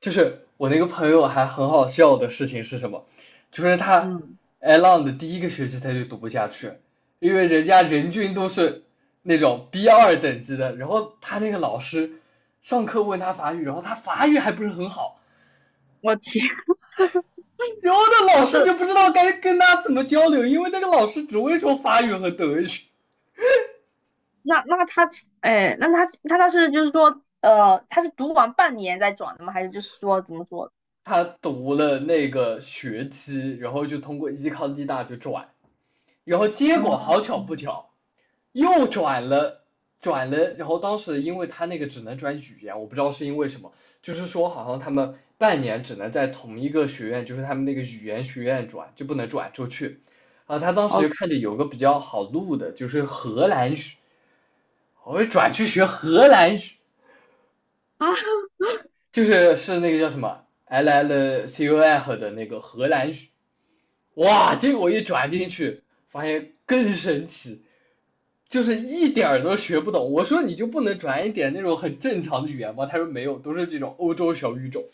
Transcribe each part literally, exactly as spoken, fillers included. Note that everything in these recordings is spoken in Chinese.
就是我那个朋友还很好笑的事情是什么？就是他 嗯，a l o n 的第一个学期他就读不下去，因为人家人均都是那种 B 二等级的，然后他那个老师上课问他法语，然后他法语还不是很好，我天，然后那老师就这不知道该跟他怎么交流，因为那个老师只会说法语和德语。那那他，哎，那他他他是就是说，呃，他是读完半年再转的吗？还是就是说怎么说？他读了那个学期，然后就通过依康地大就转，然后结果好巧嗯，不巧，又转了转了，然后当时因为他那个只能转语言，我不知道是因为什么，就是说好像他们半年只能在同一个学院，就是他们那个语言学院转，就不能转出去。啊，他当时哦，就看着有个比较好录的，就是荷兰语，我就转去学荷兰语，啊，就是是那个叫什么 L L C U F 的那个荷兰语。哇，结果一转进嗯，去，发现更神奇。就是一点儿都学不懂。我说你就不能转一点那种很正常的语言吗？他说没有，都是这种欧洲小语种。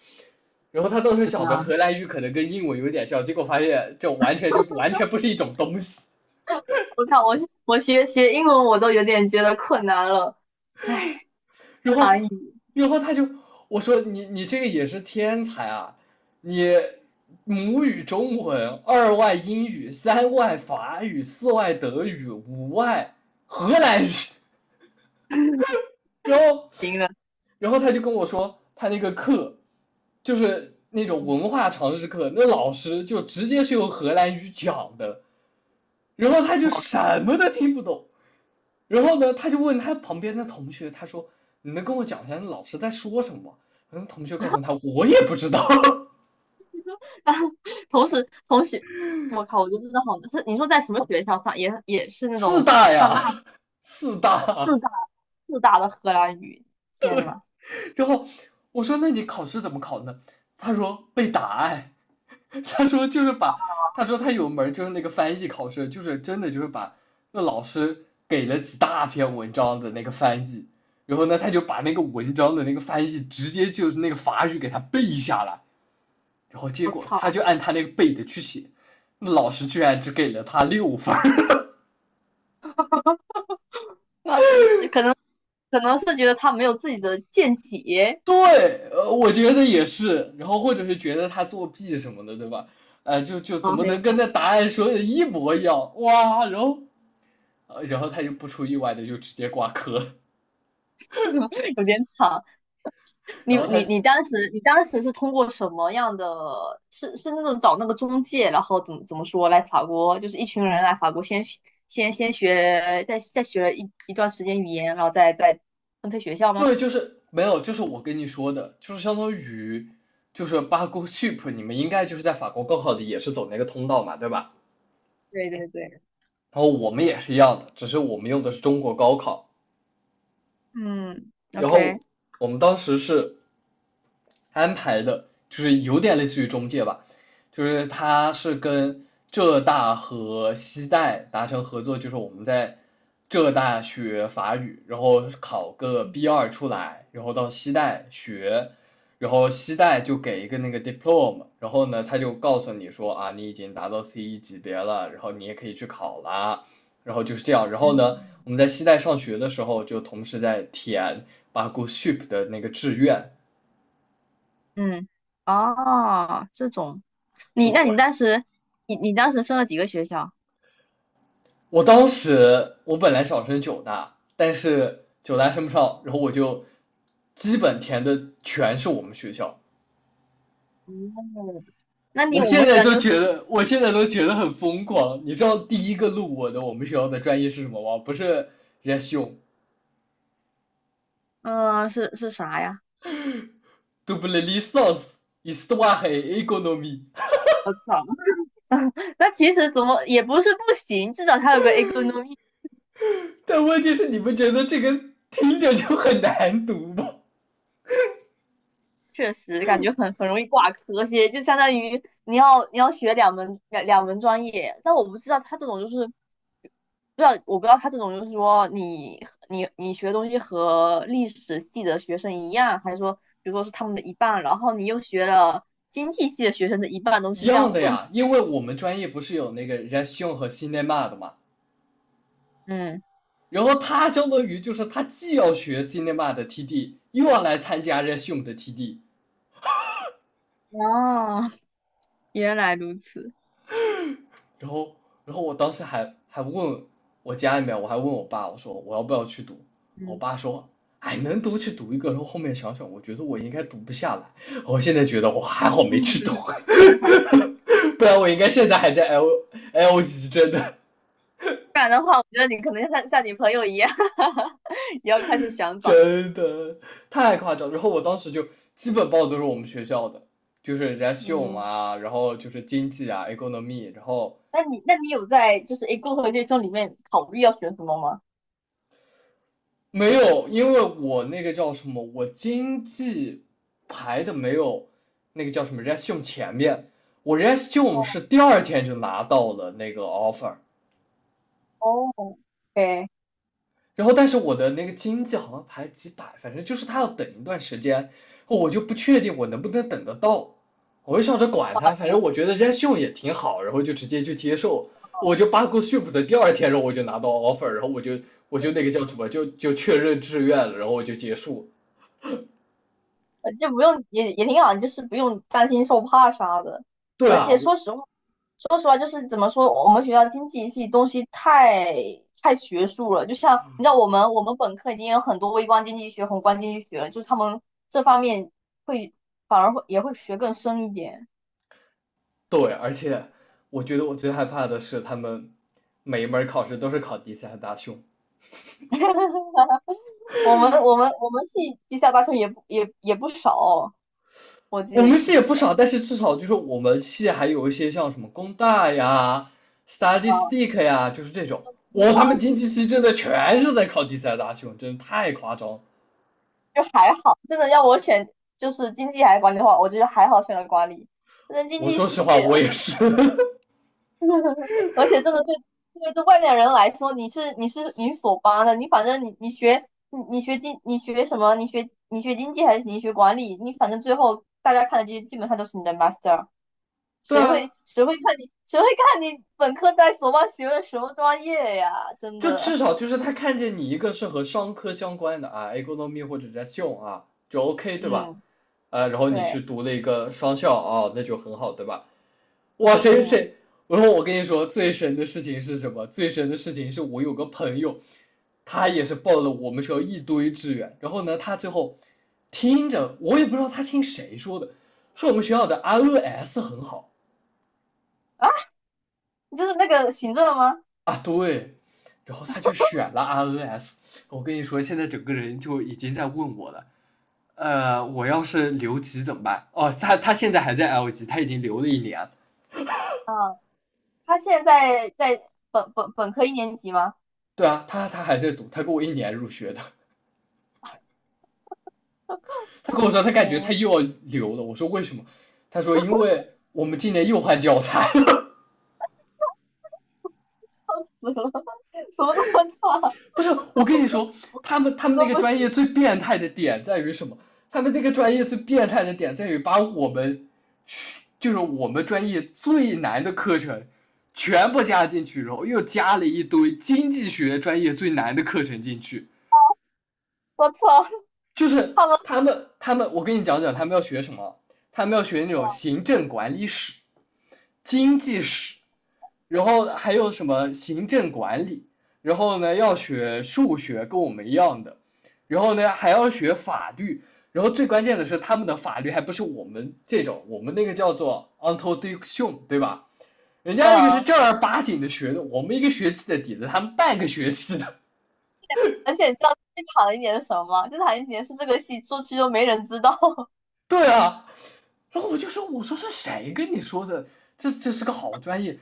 然后他当时怎想着么荷兰语可能跟英文有点像，结果发现这完全就完全不是一种东西。我看我我学学英文我都有点觉得困难了，唉，然后，难以然后他就我说你你这个也是天才啊，你母语中文，二外英语，三外法语，四外德语，五外荷兰语。然后，行了。然后他就跟我说，他那个课就是那种文化常识课，那老师就直接是用荷兰语讲的，然后他就我 什么都听不懂。然后呢，他就问他旁边的同学，他说：“你能跟我讲一下那老师在说什么吗？”然后同学告诉他：“我也不知道，同时同时，我靠，我觉得真的好难。是你说在什么学校上？也也是 那四种大上大呀，四大。”四大的荷兰语？天呐，然后我说那你考试怎么考呢？他说背答案。他说就是把，他说他有门就是那个翻译考试，就是真的就是把那老师给了几大篇文章的那个翻译，然后呢他就把那个文章的那个翻译直接就是那个法语给他背下来，然后结我果他操！就按他那个背的去写，那老师居然只给了他六分。 那可能可能是觉得他没有自己的见解对，呃，我觉得也是，然后或者是觉得他作弊什么的，对吧？呃，就就怎啊，么很有能可跟能。 那答案说的一模一样？哇，然后呃，然后他就不出意外的就直接挂科。有点长。你然后他你你当时你当时是通过什么样的？是是那种找那个中介，然后怎么怎么说来法国，就是一群人来法国先学先先学，再再学了一一段时间语言，然后再再分配学校吗？对，就是没有，就是我跟你说的，就是相当于就是八股 ship，你们应该就是在法国高考里也是走那个通道嘛，对吧？对对对，然后我们也是一样的，只是我们用的是中国高考。嗯然，OK，后我们当时是安排的，就是有点类似于中介吧，就是他是跟浙大和西大达成合作，就是我们在浙大学法语，然后考个 嗯 B 二出来，然后到西大学，然后西大就给一个那个 diploma，然后呢他就告诉你说啊，你已经达到 C 一级别了，然后你也可以去考啦。然后就是这样。然后嗯呢，我们在西带上学的时候，就同时在填巴股 s h i p 的那个志愿。嗯，哦，这种。你对，那你当时，你你当时升了几个学校？我当时我本来想申九大，但是九大申不上，然后我就基本填的全是我们学校。哦，那你我我现们学在校你都有觉得，我现在都觉得很疯狂。你知道第一个录我的我们学校的专业是什么吗？不是 r e s u m， 嗯，是是啥呀？double licence histoire et économie。我操，那其实怎么也不是不行，至少它有个 economy。但问题是，你不觉得这个听着就很难读吗？确实感觉很很容易挂科些，就相当于你要你要学两门两两门专业，但我不知道他这种就是，不知道我不知道他这种就是说你你你学东西和历史系的学生一样，还是说比如说是他们的一半，然后你又学了经济系的学生的一半东一西这样样的混合。呀，因为我们专业不是有那个 r e s i o n 和 cinema 的嘛，嗯，然后他相当于就是他既要学 cinema 的 T D，又要来参加 r e s i o n 的 T D。哦，原来如此。然后然后我当时还还问我家里面，我还问我爸，我说我要不要去读，我嗯，爸说。哎，能读去读一个，然后后面想想，我觉得我应该读不下来。我现在觉得我还好没去读。还好。不然我应该现在还在 L L g， 真的。不然的话，我觉得你可能像像你朋友一样，也要开始想转。真的太夸张。然后我当时就基本报的都是我们学校的，就是 r e s u m e 嗯，啊，然后就是经济啊，economy。然后那你那你有在就是 A 共和月中里面考虑要选什么吗？没有，因为我那个叫什么，我经济排的没有那个叫什么 r e s u m e 前面，我 r e s u m e 是第二天就拿到了那个 offer，哦，对，然后但是我的那个经济好像排几百，反正就是他要等一段时间，我就不确定我能不能等得到，我就想着管他，反正我觉对得人家秀也挺好，然后就直接就接受，我就八股 ship 的第二天，然后我就拿到 offer，然后我就我就那个叫什么，就就确认志愿了，然后我就结束。呃就不用也也挺好，就是不用担心受怕啥的。对而啊，且我说实话，说实话就是怎么说，我们学校经济系东西太太学术了，就像你知道我们我们本科已经有很多微观经济学、宏观经济学了，就是他们这方面会反而会也会学更深一点。对，而且我觉得我最害怕的是他们每一门考试都是考第三大凶。我们我们我们系地下大学也不也也不少，我记我得们系以也不前，少，但是至少就是我们系还有一些像什么工大呀、s t u d y 啊，s t i c k 呀，就是这种。文我他们上经济系真的全是在考第三大修，真的太夸张。就还好。真的要我选就是经济还是管理的话，我觉得还好选了管理。但是经我济系说实话，我我，也是。而且真的对对对外面人来说，你是你是你是所八的，你反正你你学你你学经你学什么，你学你学经济还是你学管理，你反正最后大家看的基基本上都是你的 master。对谁啊，会谁会看你谁会看你本科在所望学的什么专业呀？真就的，至少就是他看见你一个是和商科相关的啊，economy 或者 gestion 啊，就 OK 对吧？嗯，呃，然后你去对，读了一个商校啊，那就很好对吧？哇，谁嗯，谁？我说我跟你说，最神的事情是什么？最神的事情是我有个朋友，他也是报了我们学校一堆志愿，然后呢，他最后听着我也不知道他听谁说的，说我们学校的 R N S 很好就是那个行政吗？啊，对，然后他就选了 R N S。我跟你说，现在整个人就已经在问我了。呃，我要是留级怎么办？哦，他他现在还在 L 级，他已经留了一年。他现在在在本本本科一年级吗？对啊，他他还在读，他跟我一年入学的。他跟我说他感觉他对，又要留了，我说为什么？他说因为我们今年又换教材了。怎么 怎么这么差？不是，我跟你说，他们他我们那都个不专业行，最变态的点在于什么？他们这个专业最变态的点在于把我们就是我们专业最难的课程全部加进去，然后又加了一堆经济学专业最难的课程进去。我操！就是他们，他们他们，我跟你讲讲他们要学什么，他们要学那种行政管理史、经济史，然后还有什么行政管理，然后呢要学数学，跟我们一样的，然后呢还要学法律，然后最关键的是他们的法律还不是我们这种，我们那个叫做 o n t o d i c t i o n 对吧？人家那个是嗯，正儿八经的学的，我们一个学期的底子，他们半个学期的。而且你知道最惨的一年是什么吗？最惨的一年是这个系出去都没人知道。对啊，然后我就说，我说是谁跟你说的？这这是个好专业。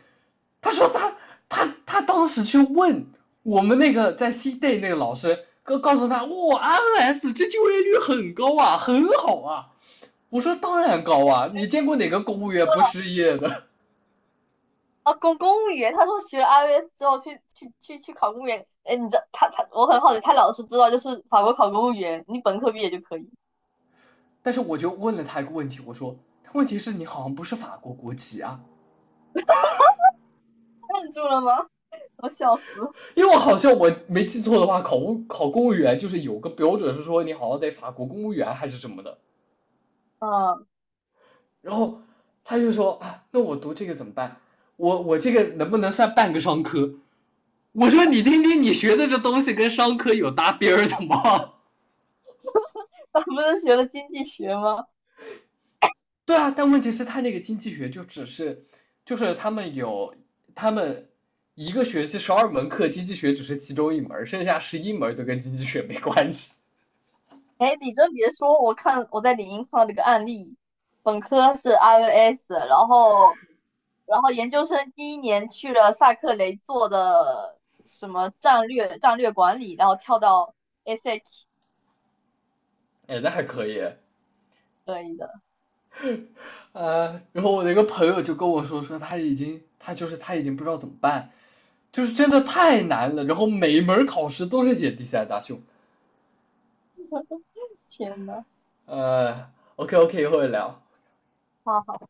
他说他他他当时去问我们那个在西 day 那个老师，告告诉他，哇 r s 这就业率很高啊，很好啊。我说当然高啊，你见过哪个公务员不失业的？啊，公公务员，他说学了 i e L T s 之后去去去去考公务员。哎，你知道他他我很好奇，他老是知道就是法国考公务员，你本科毕业就可以。但是我就问了他一个问题，我说，问题是你好像不是法国国籍啊，愣住了吗？我笑死。因为我好像我没记错的话，考公考公务员就是有个标准是说你好像得法国公务员还是什么的。嗯，然后他就说啊，那我读这个怎么办？我我这个能不能算半个商科？我说你听听，你学的这东西跟商科有搭边儿的吗？他不是学了经济学吗？对啊，但问题是，他那个经济学就只是，就是他们有他们一个学期十二门课，经济学只是其中一门剩下十一门都跟经济学没关系。哎，你真别说，我看我在领英看到这个案例，本科是 i e L T s 然后然后研究生第一年去了萨克雷做的什么战略战略管理，然后跳到 s a c 哎，那还可以啊。可以的。呃，然后我的一个朋友就跟我说，说他已经他就是他已经不知道怎么办，就是真的太难了，然后每一门考试都是写第三大胸。天呐！呃，OK OK，一会儿聊。啊，